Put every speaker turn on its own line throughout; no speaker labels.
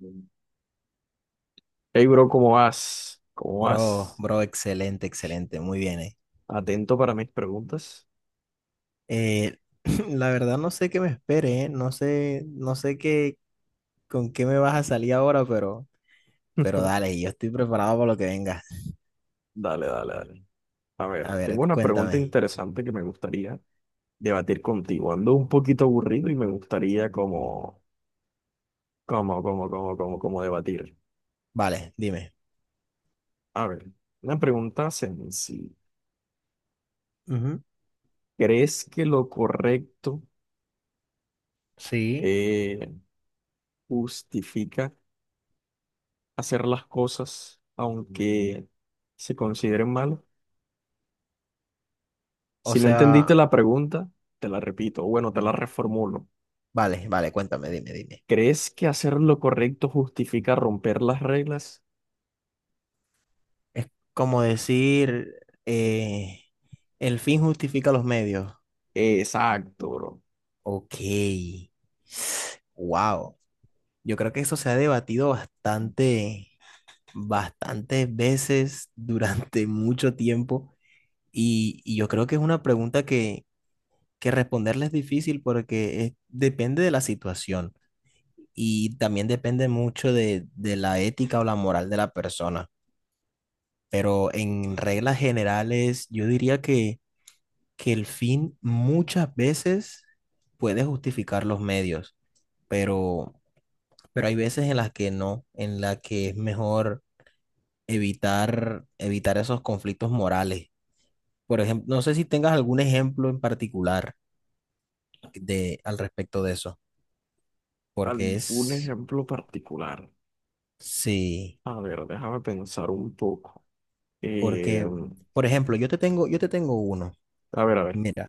Hey, bro, ¿cómo vas? ¿Cómo
Bro,
vas?
bro, excelente, muy bien,
Atento para mis preguntas.
Eh, la verdad no sé qué me espere, no sé qué, con qué me vas a salir ahora, pero dale, yo estoy preparado para lo que venga.
Dale, dale, dale. A
A
ver, tengo
ver,
una pregunta
cuéntame.
interesante que me gustaría debatir contigo. Ando un poquito aburrido y me gustaría como debatir.
Vale, dime.
A ver, una pregunta sencilla.
Ujú.
¿Crees que lo correcto
Sí,
eh, justifica hacer las cosas aunque se consideren malas?
o
Si no entendiste
sea,
la pregunta, te la repito, o bueno, te la reformulo.
vale, cuéntame, dime.
¿Crees que hacer lo correcto justifica romper las reglas?
Es como decir, el fin justifica los medios.
Exacto, bro.
Ok. Wow. Yo creo que eso se ha debatido bastantes veces durante mucho tiempo y yo creo que es una pregunta que responderle es difícil porque es- depende de la situación y también depende mucho de la ética o la moral de la persona. Pero en reglas generales, yo diría que el fin muchas veces puede justificar los medios, pero, pero hay veces en las que no, en las que es mejor evitar esos conflictos morales. Por ejemplo, no sé si tengas algún ejemplo en particular de al respecto de eso, porque
¿Algún
es,
ejemplo particular?
sí,
A ver, déjame pensar un poco. Eh,
porque, por ejemplo, yo te tengo uno.
a ver, a ver.
Mira,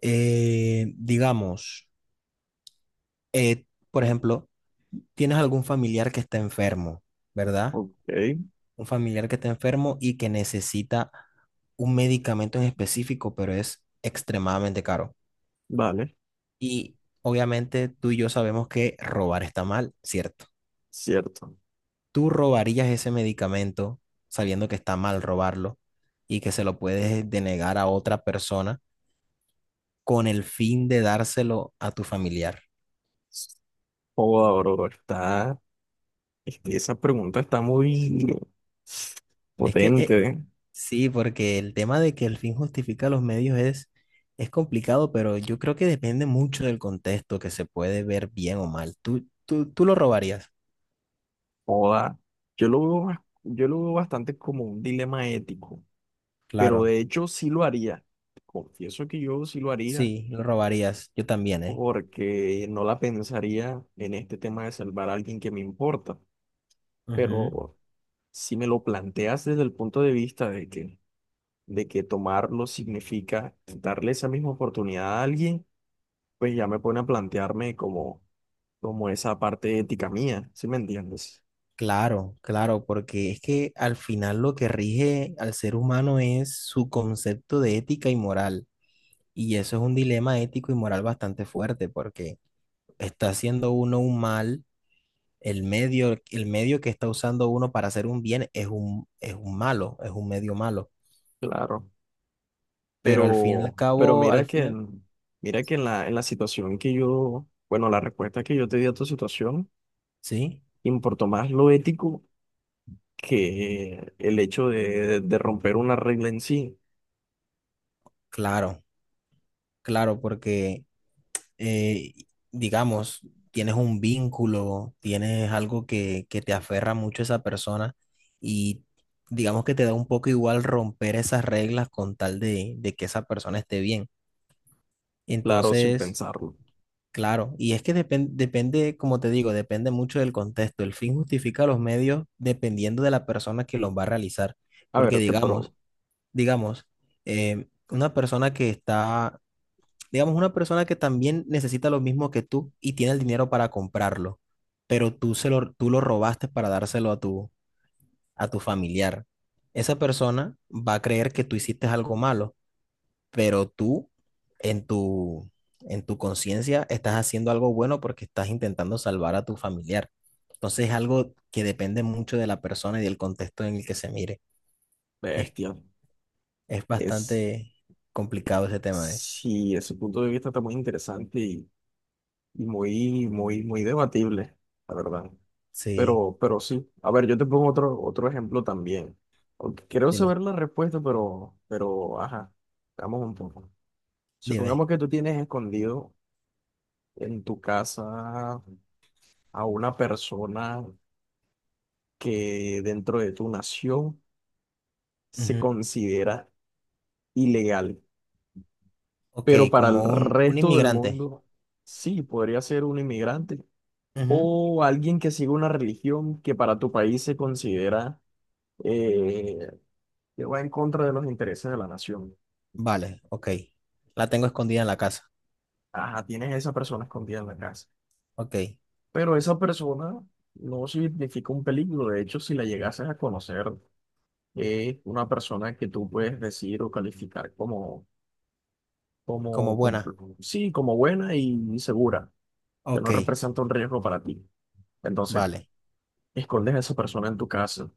digamos, por ejemplo, tienes algún familiar que está enfermo, ¿verdad?
Ok,
Un familiar que está enfermo y que necesita un medicamento en específico, pero es extremadamente caro.
vale,
Y obviamente tú y yo sabemos que robar está mal, ¿cierto?
cierto.
¿Tú robarías ese medicamento sabiendo que está mal robarlo y que se lo puedes denegar a otra persona con el fin de dárselo a tu familiar?
Joda, bro, está, es esa pregunta está muy
Es que
potente, ¿eh?
sí, porque el tema de que el fin justifica los medios es complicado, pero yo creo que depende mucho del contexto que se puede ver bien o mal. ¿Tú lo robarías?
Joda. Yo lo veo, yo lo veo bastante como un dilema ético, pero
Claro,
de hecho sí lo haría. Confieso que yo sí lo haría
sí, lo robarías. Yo también, ¿eh?
porque no la pensaría en este tema de salvar a alguien que me importa,
Ujú.
pero si me lo planteas desde el punto de vista de que tomarlo significa darle esa misma oportunidad a alguien, pues ya me pone a plantearme como, como esa parte ética mía, ¿sí me entiendes?
Claro, claro, porque es que al final lo que rige al ser humano es su concepto de ética y moral. Y eso es un dilema ético y moral bastante fuerte, porque está haciendo uno un mal, el medio que está usando uno para hacer un bien es un malo, es un medio malo.
Claro.
Pero al fin y
Pero,
al
pero
cabo, al final,
mira que en la situación que yo, bueno, la respuesta que yo te di a tu situación,
sí,
importó más lo ético que el hecho de romper una regla en sí,
claro, claro, porque eh, digamos, tienes un vínculo, tienes algo que te aferra mucho a esa persona y digamos que te da un poco igual romper esas reglas con tal de que esa persona esté bien.
claro, sin
Entonces,
pensarlo.
claro, y es que depen- depende, como te digo, depende mucho del contexto. El fin justifica los medios dependiendo de la persona que los va a realizar.
A ver,
Porque
te pero
digamos, digamos, eh, una persona que está digamos, una persona que también necesita lo mismo que tú y tiene el dinero para comprarlo, pero tú, se lo, tú lo robaste para dárselo a tu familiar. Esa persona va a creer que tú hiciste algo malo, pero tú en tu, en tu conciencia estás haciendo algo bueno porque estás intentando salvar a tu familiar. Entonces es algo que depende mucho de la persona y del contexto en el que se mire. Es,
bestia,
es
es,
bastante complicado ese tema, ¿eh?
sí, ese punto de vista está muy interesante y muy, muy, muy debatible, la verdad.
Sí,
Pero sí, a ver, yo te pongo otro, otro ejemplo también. Aunque quiero
dime,
saber la respuesta, pero, ajá, veamos un poco.
dime.
Supongamos que tú tienes escondido en tu casa a una persona que dentro de tu nación se
Ujú.
considera ilegal,
Ok,
pero para el
como un
resto del
inmigrante.
mundo sí, podría ser un inmigrante
Ujú.
o alguien que siga una religión que para tu país se considera eh, que va en contra de los intereses de la nación.
Vale, ok. La tengo escondida en la casa.
Ajá, tienes a esa persona escondida en la casa,
Ok.
pero esa persona no significa un peligro. De hecho, si la llegases a conocer, es una persona que tú puedes decir o calificar como
Como
como,
buena.
sí, como buena y segura, que
Ok,
no representa un riesgo para ti. Entonces,
vale.
escondes a esa persona en tu casa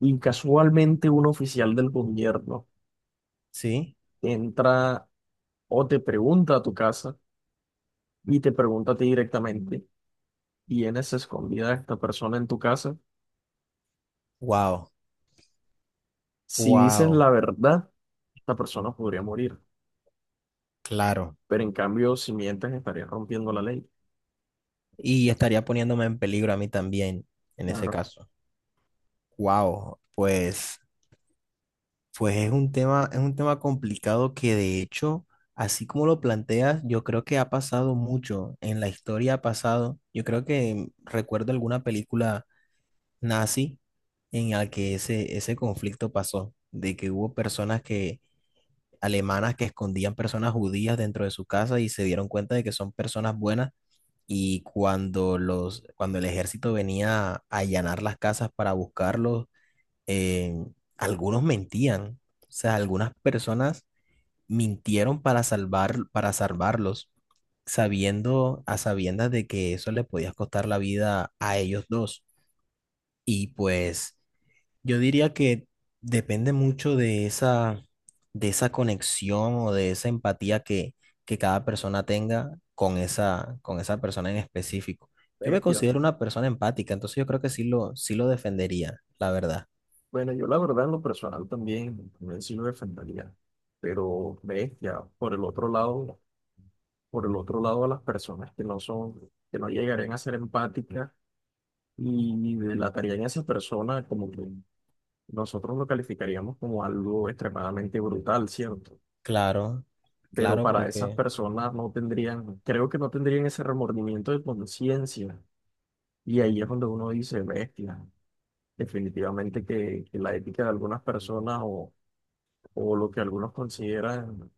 y casualmente un oficial del gobierno
Sí.
entra o te pregunta a tu casa y te pregunta a ti directamente, ¿tienes escondida a esta persona en tu casa?
Wow.
Si dices
Wow.
la verdad, esta persona podría morir,
Claro.
pero en cambio, si mientes, estarías rompiendo la ley.
Y estaría poniéndome en peligro a mí también en ese
Claro,
caso. Wow. Pues, pues es un tema complicado que de hecho, así como lo planteas, yo creo que ha pasado mucho en la historia ha pasado. Yo creo que recuerdo alguna película nazi en el que ese conflicto pasó, de que hubo personas que, alemanas que escondían personas judías dentro de su casa y se dieron cuenta de que son personas buenas y cuando los, cuando el ejército venía a allanar las casas para buscarlos, eh, algunos mentían, o sea, algunas personas mintieron para salvar, para salvarlos, sabiendo, a sabiendas de que eso les podía costar la vida a ellos dos. Y pues yo diría que depende mucho de esa conexión o de esa empatía que cada persona tenga con esa persona en específico. Yo me
bestia.
considero una persona empática, entonces yo creo que sí lo defendería, la verdad.
Bueno, yo la verdad en lo personal también, también sí lo defendería, pero ves ya por el otro lado, por el otro lado a las personas que no son, que no llegarían a ser empáticas y delatarían a esa persona como que nosotros lo calificaríamos como algo extremadamente brutal, ¿cierto?
Claro,
Pero
claro,
para esas
porque
personas no tendrían, creo que no tendrían ese remordimiento de conciencia y ahí es donde uno dice, bestia, definitivamente que la ética de algunas personas o lo que algunos consideran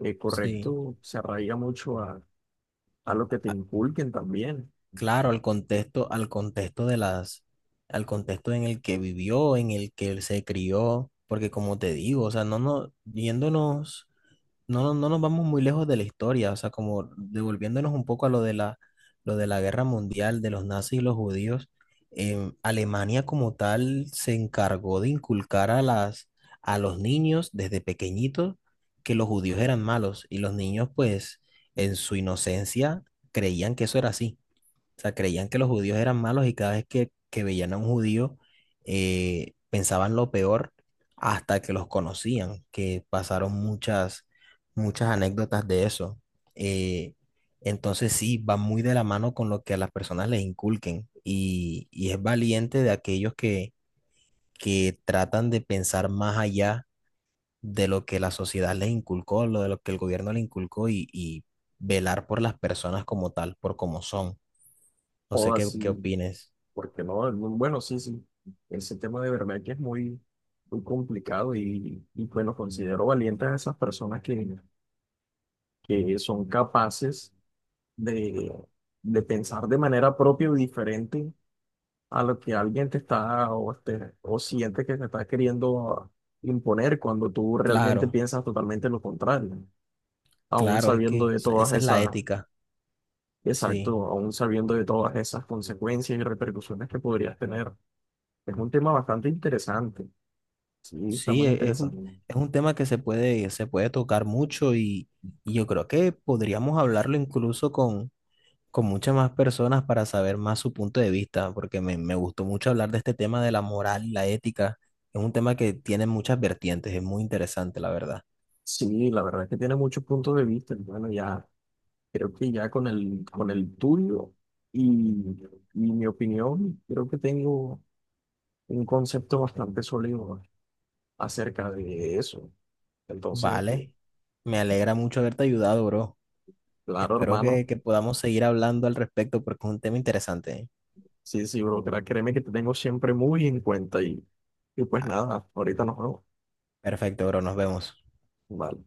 sí,
correcto se arraiga mucho a lo que te inculquen también,
claro, al contexto, al contexto en el que vivió, en el que él se crió, porque como te digo, o sea, yéndonos. No nos vamos muy lejos de la historia, o sea, como devolviéndonos un poco a lo de la guerra mundial de los nazis y los judíos, Alemania como tal se encargó de inculcar a las, a los niños desde pequeñitos que los judíos eran malos y los niños pues en su inocencia creían que eso era así. O sea, creían que los judíos eran malos y cada vez que veían a un judío pensaban lo peor hasta que los conocían, que pasaron muchas, muchas anécdotas de eso. Eh, entonces sí, va muy de la mano con lo que a las personas les inculquen y es valiente de aquellos que tratan de pensar más allá de lo que la sociedad les inculcó, lo de lo que el gobierno les inculcó y velar por las personas como tal, por como son. No
o
sé qué,
así,
qué opines.
porque no, bueno, sí, sí, ese tema de verdad que es muy, muy complicado y bueno, considero valientes a esas personas que son capaces de, de pensar de manera propia y diferente a lo que alguien te está o, te, o siente que te está queriendo imponer cuando tú realmente
Claro,
piensas totalmente lo contrario. Aún
claro, es
sabiendo
que
de
esa
todas
esa es la
esas,
ética, sí,
exacto, aún sabiendo de todas esas consecuencias y repercusiones que podrías tener. Es un tema bastante interesante, sí, está
sí,
muy
e-
interesante.
es un tema que se puede tocar mucho y yo creo que podríamos hablarlo incluso con muchas más personas para saber más su punto de vista, porque me gustó mucho hablar de este tema de la moral y la ética, es un tema que tiene muchas vertientes, es muy interesante, la verdad.
Sí, la verdad es que tiene muchos puntos de vista. Y bueno, ya creo que ya con el tuyo y, y mi opinión, creo que tengo un concepto bastante sólido acerca de eso. Entonces,
Vale, me alegra mucho haberte ayudado, bro.
claro,
Espero
hermano,
que podamos seguir hablando al respecto porque es un tema interesante. ¿Eh?
sí, sí, bro, créeme que te tengo siempre muy en cuenta y pues
Ah,
nada, ahorita nos vemos.
perfecto, bro, nos vemos.
Vale.